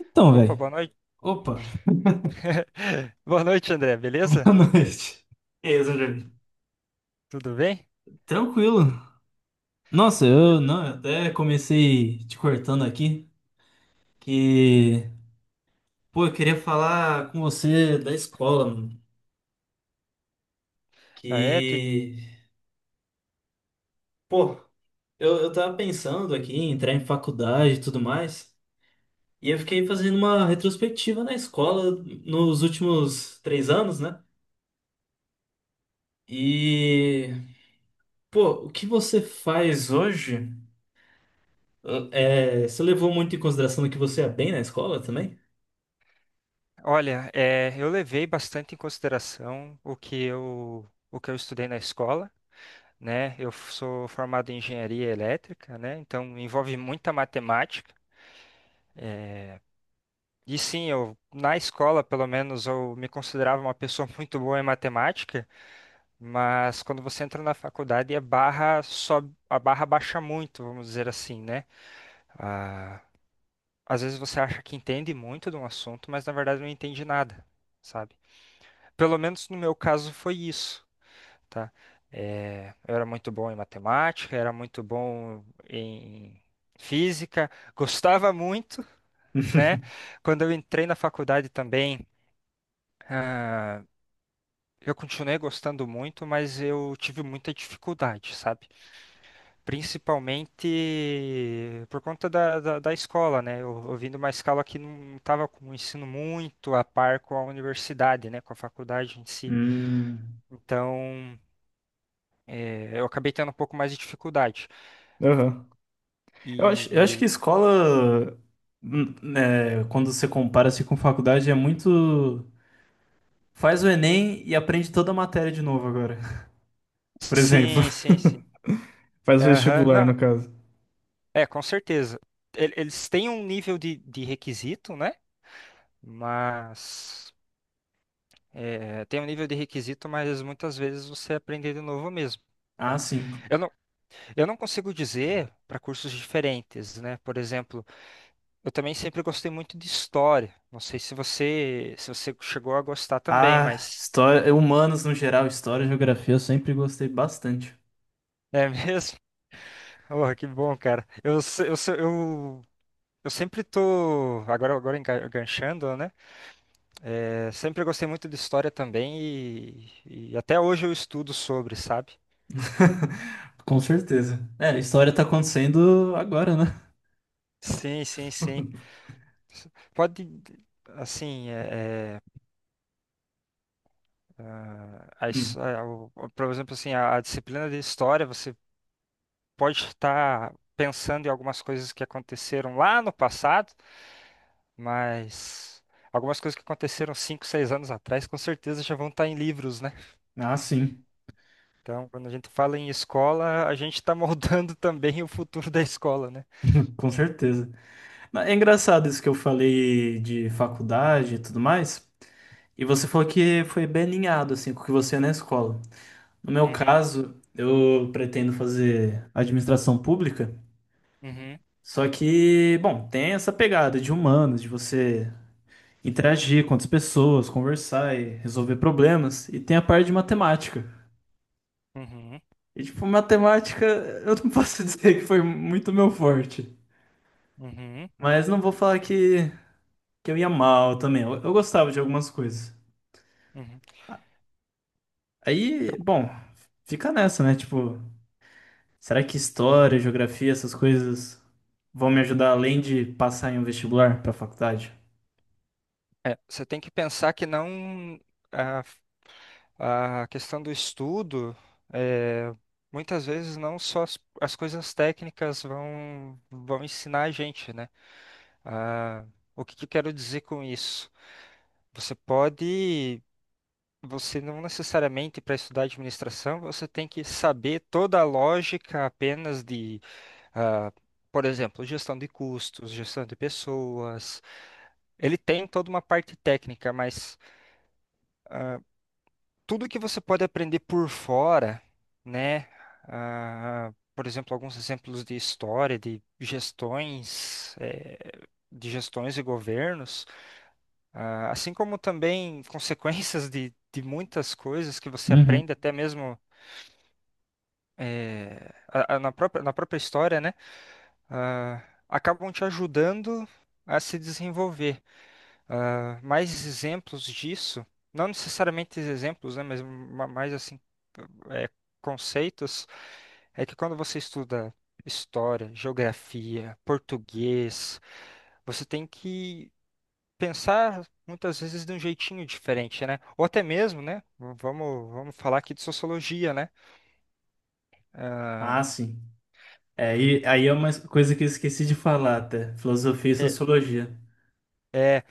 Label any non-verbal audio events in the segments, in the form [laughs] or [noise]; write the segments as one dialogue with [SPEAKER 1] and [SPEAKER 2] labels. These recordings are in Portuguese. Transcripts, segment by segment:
[SPEAKER 1] Então,
[SPEAKER 2] Opa,
[SPEAKER 1] velho.
[SPEAKER 2] boa noite.
[SPEAKER 1] Opa,
[SPEAKER 2] [laughs] Boa noite, André,
[SPEAKER 1] [laughs]
[SPEAKER 2] beleza?
[SPEAKER 1] boa noite. E aí, Zangari?
[SPEAKER 2] Tudo bem?
[SPEAKER 1] Tranquilo. Nossa, eu não, eu até comecei te cortando aqui, que, pô, eu queria falar com você da escola, mano.
[SPEAKER 2] Ah, é,
[SPEAKER 1] Que, pô, eu tava pensando aqui em entrar em faculdade e tudo mais, e eu fiquei fazendo uma retrospectiva na escola nos últimos três anos, né? E, pô, o que você faz hoje? É, você levou muito em consideração que você é bem na escola também?
[SPEAKER 2] Olha, é, eu levei bastante em consideração o que eu estudei na escola, né? Sou formado em engenharia elétrica, né? Então envolve muita matemática. é, E sim, eu na escola, pelo menos, eu me considerava uma pessoa [laughs] muito boa em matemática, mas quando você entra na faculdade, a barra sobe, a barra baixa muito, vamos dizer assim, né? Ah, às vezes você acha que entende muito de um assunto, mas na verdade não entende nada, sabe? Pelo menos no meu caso foi isso, tá? É, eu era muito bom em matemática, era muito bom em física, gostava muito, né?
[SPEAKER 1] [laughs]
[SPEAKER 2] Quando eu entrei na faculdade também, ah, eu continuei gostando muito, mas eu tive muita dificuldade, sabe? Principalmente por conta da escola, né? Eu vim de uma escola que não estava com o ensino muito a par com a universidade, né? Com a faculdade em si.
[SPEAKER 1] Hum,
[SPEAKER 2] Então, eu acabei tendo um pouco mais de dificuldade.
[SPEAKER 1] aham. Eu acho
[SPEAKER 2] E
[SPEAKER 1] que escola, né, quando você compara assim com faculdade, é muito. Faz o Enem e aprende toda a matéria de novo agora. [laughs] Por exemplo.
[SPEAKER 2] sim, sim, sim.
[SPEAKER 1] Faz
[SPEAKER 2] Aham,
[SPEAKER 1] vestibular, no
[SPEAKER 2] não,
[SPEAKER 1] caso.
[SPEAKER 2] é, com certeza. Eles têm um nível de requisito, né? Mas. Tem um nível de requisito, mas muitas vezes você aprende de novo mesmo.
[SPEAKER 1] Ah, sim.
[SPEAKER 2] Eu Eu não consigo dizer para cursos diferentes, né? Por exemplo, eu também sempre gostei muito de história. Não sei se você chegou a gostar também,
[SPEAKER 1] Ah,
[SPEAKER 2] mas
[SPEAKER 1] história, humanos no geral, história geografia eu sempre gostei bastante.
[SPEAKER 2] é mesmo? [laughs] Oh, que bom, cara. Eu se- eu, se- eu sempre tô agora agora enganchando, né? É, sempre gostei muito de história também e até hoje eu estudo sobre, sabe?
[SPEAKER 1] [laughs] Com certeza. É, a história tá acontecendo agora, né?
[SPEAKER 2] Sim, sim, sim. Pode, assim, ah, a
[SPEAKER 1] Hum.
[SPEAKER 2] his- ah, o- por exemplo, assim, a disciplina de história, você pode estar pensando em algumas coisas que aconteceram lá no passado, mas algumas coisas que aconteceram 5 6 anos atrás, com certeza já vão estar em livros, né?
[SPEAKER 1] Ah, sim,
[SPEAKER 2] Então, quando a gente fala em escola, a gente está moldando [laughs] também o futuro da escola, né?
[SPEAKER 1] com certeza. É engraçado isso que eu falei de faculdade e tudo mais. E você falou que foi bem alinhado assim com o que você é na escola. No meu
[SPEAKER 2] Uhum,
[SPEAKER 1] caso, eu pretendo fazer administração pública,
[SPEAKER 2] uhum,
[SPEAKER 1] só que, bom, tem essa pegada de humanos, de você interagir com outras pessoas, conversar e resolver problemas, e tem a parte de matemática.
[SPEAKER 2] uhum,
[SPEAKER 1] E tipo, matemática, [laughs] eu não posso [laughs] dizer que foi muito meu forte,
[SPEAKER 2] uhum,
[SPEAKER 1] mas não vou falar que eu ia mal também. Eu gostava de algumas coisas.
[SPEAKER 2] uhum.
[SPEAKER 1] Aí, bom, fica nessa, né? Tipo, será que história, geografia, essas coisas vão me ajudar além de passar em um vestibular pra faculdade?
[SPEAKER 2] É, você tem que pensar que não. Ah, a questão do estudo, é, muitas vezes não só as coisas técnicas vão ensinar a gente, né? Ah, o que que eu quero dizer com isso? Você pode, você não necessariamente para estudar administração, você tem que saber toda a lógica apenas de, ah, por exemplo, gestão de custos, gestão de pessoas. Ele tem toda uma parte técnica, mas tudo que você pode aprender por fora, né? Ah, por exemplo, alguns exemplos de história, de gestões e governos, assim como também [laughs] consequências de muitas coisas que você
[SPEAKER 1] Uhum.
[SPEAKER 2] aprende até mesmo eh, na própria história, né? Ah, acabam te ajudando a se desenvolver. Ah, mais exemplos disso, não necessariamente exemplos, né? Mas mais assim, é, conceitos é que quando você estuda história, geografia, português, você tem que pensar muitas vezes de um jeitinho diferente, né? Ou até mesmo, né? Vamos falar aqui de sociologia, né?
[SPEAKER 1] Ah, sim. É, e, aí é uma coisa que eu esqueci de falar até. Filosofia e
[SPEAKER 2] É,
[SPEAKER 1] sociologia.
[SPEAKER 2] é,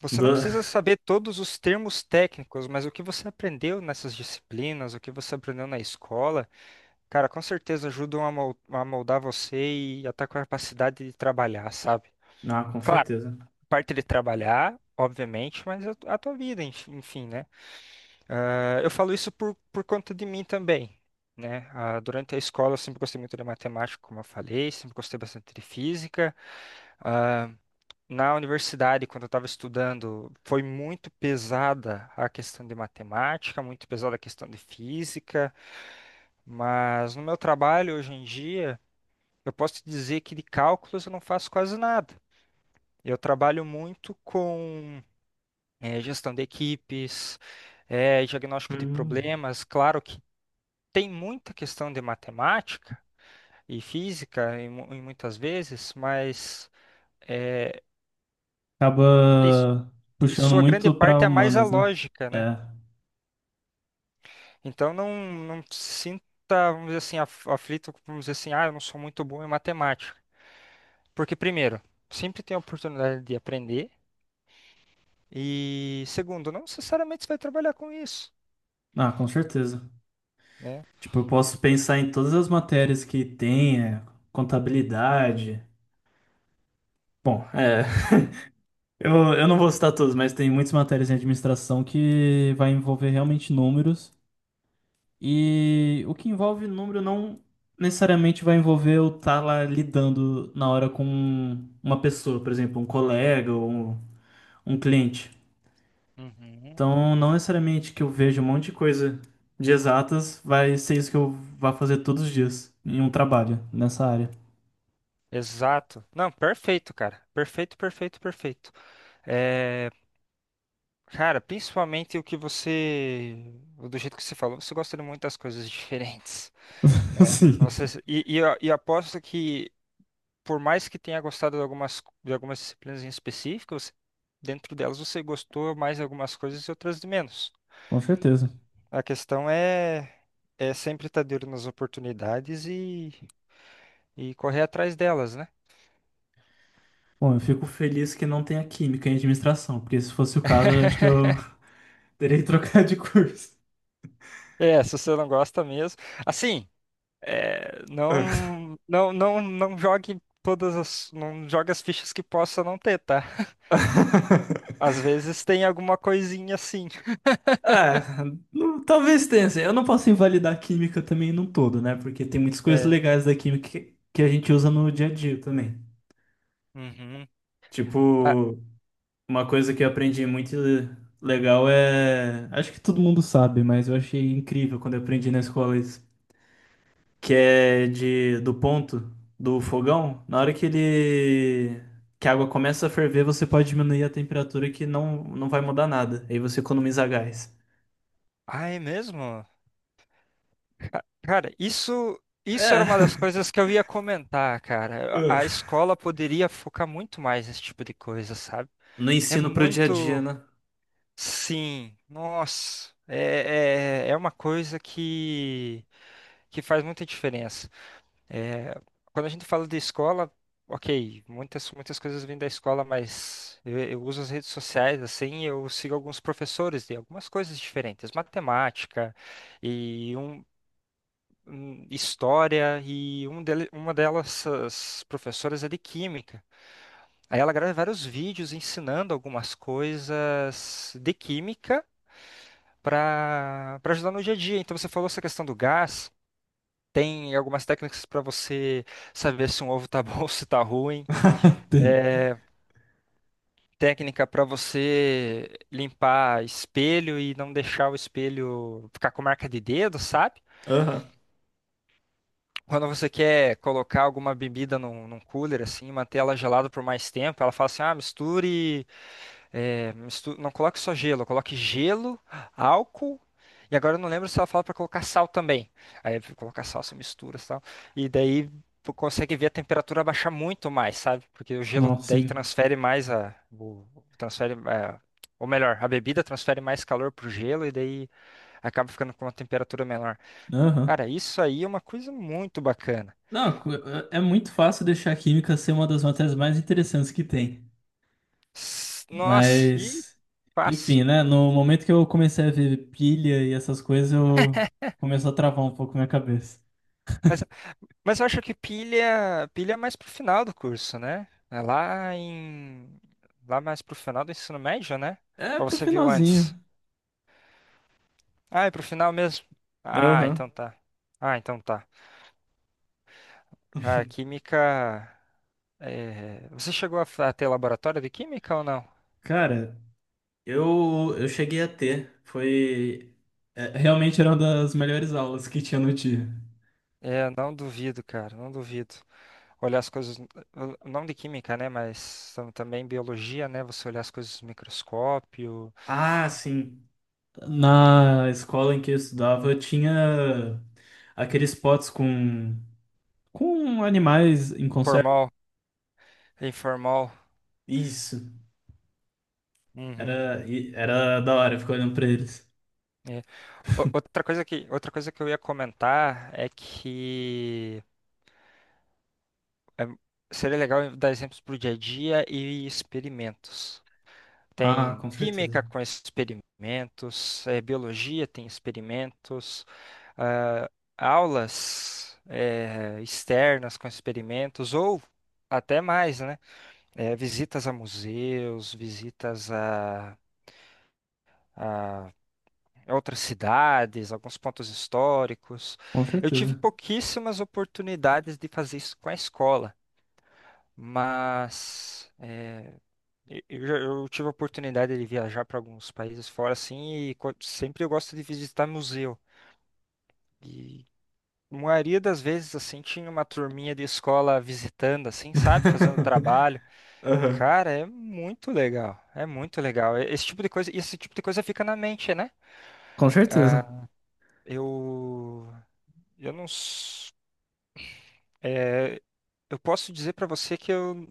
[SPEAKER 2] você não
[SPEAKER 1] Do...
[SPEAKER 2] precisa
[SPEAKER 1] [laughs]
[SPEAKER 2] saber todos os termos técnicos, mas o que você aprendeu nessas disciplinas, o que você aprendeu na escola, cara, com certeza ajudam a moldar você e a tua capacidade de trabalhar, sabe?
[SPEAKER 1] Ah, com
[SPEAKER 2] Claro,
[SPEAKER 1] certeza.
[SPEAKER 2] parte de trabalhar, obviamente, mas a tua vida, enfim, né? Ah, eu falo isso por conta de mim também, né? Ah, durante a escola eu sempre gostei muito de matemática, como eu falei, sempre gostei bastante de física. Ah, na universidade, quando eu estava estudando, foi muito pesada a questão de matemática, muito pesada a questão de física, mas no meu trabalho hoje em dia, eu posso te dizer que de cálculos eu não faço quase nada. Eu trabalho muito com gestão de equipes, diagnóstico de
[SPEAKER 1] Hum,
[SPEAKER 2] problemas. Claro que tem muita questão de matemática e física em muitas vezes, mas é,
[SPEAKER 1] Acaba
[SPEAKER 2] isso, em
[SPEAKER 1] puxando
[SPEAKER 2] sua grande
[SPEAKER 1] muito pra
[SPEAKER 2] parte é mais a
[SPEAKER 1] humanas, né?
[SPEAKER 2] lógica, né?
[SPEAKER 1] É.
[SPEAKER 2] Então não, não se sinta, vamos dizer assim, aflito, vamos dizer assim, eu não sou muito bom em matemática. Porque, primeiro, sempre tem a oportunidade de aprender, e segundo, não necessariamente você vai trabalhar com isso,
[SPEAKER 1] Ah, com certeza.
[SPEAKER 2] né?
[SPEAKER 1] Tipo, eu posso pensar em todas as matérias que tem, é, contabilidade. Bom, é. Eu, eu não vou citar todos, mas tem muitas matérias em administração que vai envolver realmente números. E o que envolve número não necessariamente vai envolver eu estar lá lidando na hora com uma pessoa, por exemplo, um colega ou um cliente.
[SPEAKER 2] Uhum.
[SPEAKER 1] Então, não necessariamente que eu veja um monte de coisa de exatas vai ser isso que eu vá fazer todos os dias em um trabalho nessa área.
[SPEAKER 2] Exato. Não, perfeito, cara. Perfeito, perfeito, perfeito. É, cara, principalmente o que você, do jeito que você falou, você gosta de muitas coisas [laughs] diferentes,
[SPEAKER 1] [laughs]
[SPEAKER 2] né?
[SPEAKER 1] Sim,
[SPEAKER 2] Você, e, eu- e aposto que, por mais que tenha gostado de algumas, disciplinas em específico, dentro delas você gostou mais de algumas coisas e outras de menos.
[SPEAKER 1] com certeza.
[SPEAKER 2] A questão é sempre estar de olho nas oportunidades e correr atrás delas, né?
[SPEAKER 1] Bom, eu fico feliz que não tenha química em administração, porque se fosse o caso, eu acho que eu
[SPEAKER 2] [laughs]
[SPEAKER 1] terei que trocar de curso.
[SPEAKER 2] É, se você não gosta mesmo. Assim. É, não, não, não, não jogue não jogue as fichas que possa não ter, tá? Às
[SPEAKER 1] [laughs]
[SPEAKER 2] vezes tem alguma coisinha assim.
[SPEAKER 1] Ah, não, talvez tenha, assim. Eu não posso invalidar a química também num todo, né? Porque tem muitas coisas
[SPEAKER 2] É.
[SPEAKER 1] legais da química que a gente usa no dia a dia também.
[SPEAKER 2] Uhum. Ah,
[SPEAKER 1] Tipo, uma coisa que eu aprendi muito legal é, acho que todo mundo sabe, mas eu achei incrível quando eu aprendi na escola, que é de do ponto do fogão, na hora que ele que a água começa a ferver, você pode diminuir a temperatura que não vai mudar nada. Aí você economiza gás.
[SPEAKER 2] ah, é mesmo? Cara, isso era
[SPEAKER 1] É.
[SPEAKER 2] uma das
[SPEAKER 1] [laughs]
[SPEAKER 2] coisas que eu ia comentar, cara. A
[SPEAKER 1] Ah.
[SPEAKER 2] escola poderia focar muito mais nesse tipo de coisa, sabe?
[SPEAKER 1] No
[SPEAKER 2] É
[SPEAKER 1] ensino pro dia a dia,
[SPEAKER 2] muito,
[SPEAKER 1] né?
[SPEAKER 2] sim, nossa, é uma coisa que faz muita diferença. É, quando a gente fala de escola, ok, muitas coisas vêm da escola, mas eu uso as redes sociais, assim, eu sigo alguns professores de algumas coisas diferentes, matemática e história, e uma delas, as professoras é de química. Aí ela grava vários vídeos ensinando algumas coisas de química para ajudar no dia a dia. Então você falou essa questão do gás. Tem algumas técnicas para você saber se um ovo tá bom [laughs] ou se tá ruim.
[SPEAKER 1] [laughs] Tem.
[SPEAKER 2] Técnica para você limpar espelho e não deixar o espelho ficar com marca de dedo, sabe?
[SPEAKER 1] Aham.
[SPEAKER 2] Quando você quer colocar alguma bebida num cooler, assim, manter ela gelada por mais tempo, ela fala assim: ah, misture. É, não coloque só gelo, coloque gelo, álcool. E agora eu não lembro se ela fala pra colocar sal também. Aí colocar sal, você mistura sal. E daí tu consegue ver a temperatura baixar muito mais, sabe? Porque o gelo
[SPEAKER 1] Nossa,
[SPEAKER 2] daí
[SPEAKER 1] sim.
[SPEAKER 2] transfere mais a. o- transfere, é, ou melhor, a bebida transfere mais calor pro gelo e daí acaba ficando com uma temperatura menor.
[SPEAKER 1] Aham.
[SPEAKER 2] Cara, isso aí é uma coisa muito bacana.
[SPEAKER 1] Não, cu- é muito fácil deixar a química ser uma das matérias mais interessantes que tem.
[SPEAKER 2] Nossa, e
[SPEAKER 1] Mas,
[SPEAKER 2] fácil.
[SPEAKER 1] enfim, né? No momento que eu comecei a ver pilha e essas coisas, eu começou a travar um pouco minha cabeça.
[SPEAKER 2] Mas Mas eu acho que pilha, pilha é mais pro final do curso, né? É lá mais pro final do ensino médio, né?
[SPEAKER 1] É
[SPEAKER 2] Ou
[SPEAKER 1] pro
[SPEAKER 2] você viu
[SPEAKER 1] finalzinho.
[SPEAKER 2] antes? Ah, é pro final mesmo. Ah,
[SPEAKER 1] Aham.
[SPEAKER 2] então tá. Ah, então tá. A química, você chegou a a ter laboratório de química ou não?
[SPEAKER 1] Cara, eu cheguei a ter. Foi. É, realmente era uma das melhores aulas que tinha no dia.
[SPEAKER 2] É, não duvido, cara, não duvido. Olhar as coisas, não de química, né? Mas também biologia, né? Você olhar as coisas no microscópio,
[SPEAKER 1] Ah, sim. Na escola em que eu estudava, eu tinha aqueles potes com animais em conserva.
[SPEAKER 2] formal, informal.
[SPEAKER 1] Isso.
[SPEAKER 2] Uhum.
[SPEAKER 1] Era da hora ficar olhando pra eles.
[SPEAKER 2] É. Outra coisa que eu ia comentar é que, é, seria legal dar exemplos para o dia a dia e experimentos.
[SPEAKER 1] Ah,
[SPEAKER 2] Tem
[SPEAKER 1] com certeza.
[SPEAKER 2] química com experimentos, biologia tem experimentos, ah, aulas externas com experimentos, ou até mais, né? Visitas a museus, visitas a outras cidades, alguns pontos históricos.
[SPEAKER 1] Com
[SPEAKER 2] Eu tive
[SPEAKER 1] certeza.
[SPEAKER 2] pouquíssimas oportunidades de fazer isso com a escola, mas eu, eu tive a oportunidade de viajar para alguns países fora, assim, e sempre eu gosto de visitar museu. E a maioria das vezes, assim, tinha uma turminha de escola visitando, assim, sabe, fazendo
[SPEAKER 1] [laughs]
[SPEAKER 2] trabalho.
[SPEAKER 1] Aham.
[SPEAKER 2] Cara, é muito legal, é muito legal. Esse tipo de coisa fica na mente, né?
[SPEAKER 1] Com
[SPEAKER 2] Ah,
[SPEAKER 1] certeza.
[SPEAKER 2] eu, eu não É, eu posso dizer para você que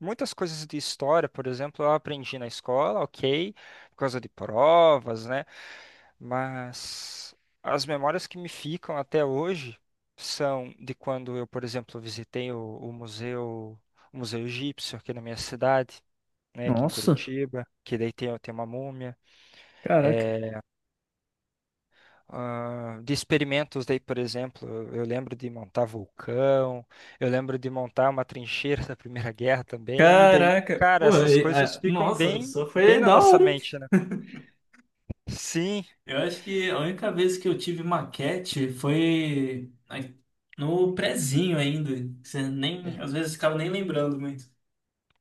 [SPEAKER 2] muitas coisas de história, por exemplo, eu aprendi na escola, ok, por causa de provas, né? Mas as memórias que me ficam até hoje são de quando eu, por exemplo, visitei o museu, o Museu Egípcio aqui na minha cidade, né, aqui em
[SPEAKER 1] Nossa,
[SPEAKER 2] Curitiba, que daí tem, tem uma múmia.
[SPEAKER 1] caraca.
[SPEAKER 2] Ah, de experimentos daí, por exemplo, eu lembro de montar vulcão, eu lembro de montar uma trincheira da Primeira Guerra também, e daí,
[SPEAKER 1] Caraca,
[SPEAKER 2] cara,
[SPEAKER 1] pô,
[SPEAKER 2] essas
[SPEAKER 1] e-
[SPEAKER 2] coisas
[SPEAKER 1] ah,
[SPEAKER 2] ficam
[SPEAKER 1] nossa,
[SPEAKER 2] bem,
[SPEAKER 1] só
[SPEAKER 2] bem
[SPEAKER 1] foi
[SPEAKER 2] na
[SPEAKER 1] da
[SPEAKER 2] nossa
[SPEAKER 1] hora, hein?
[SPEAKER 2] mente, né? Sim,
[SPEAKER 1] Eu acho que a única vez que eu tive maquete foi na- no prezinho ainda. Você nem, às vezes ficava nem lembrando muito.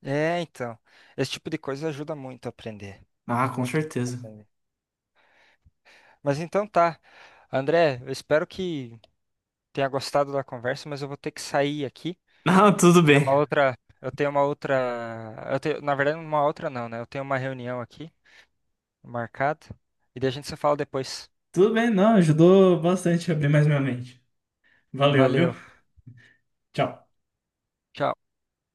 [SPEAKER 2] então, esse tipo de coisa ajuda muito a aprender,
[SPEAKER 1] Ah, com
[SPEAKER 2] muito, muito a
[SPEAKER 1] certeza. [laughs]
[SPEAKER 2] aprender. Mas então tá, André, eu espero que tenha gostado da conversa, mas eu vou ter que sair aqui.
[SPEAKER 1] Não, tudo bem.
[SPEAKER 2] Eu tenho uma outra, eu tenho, na verdade, uma outra não, né? Eu tenho uma reunião aqui. Marcado. E daí a gente se fala depois.
[SPEAKER 1] Tudo bem, não, ajudou bastante a abrir mais minha mente. Valeu, viu?
[SPEAKER 2] Valeu.
[SPEAKER 1] Tchau.
[SPEAKER 2] Tchau.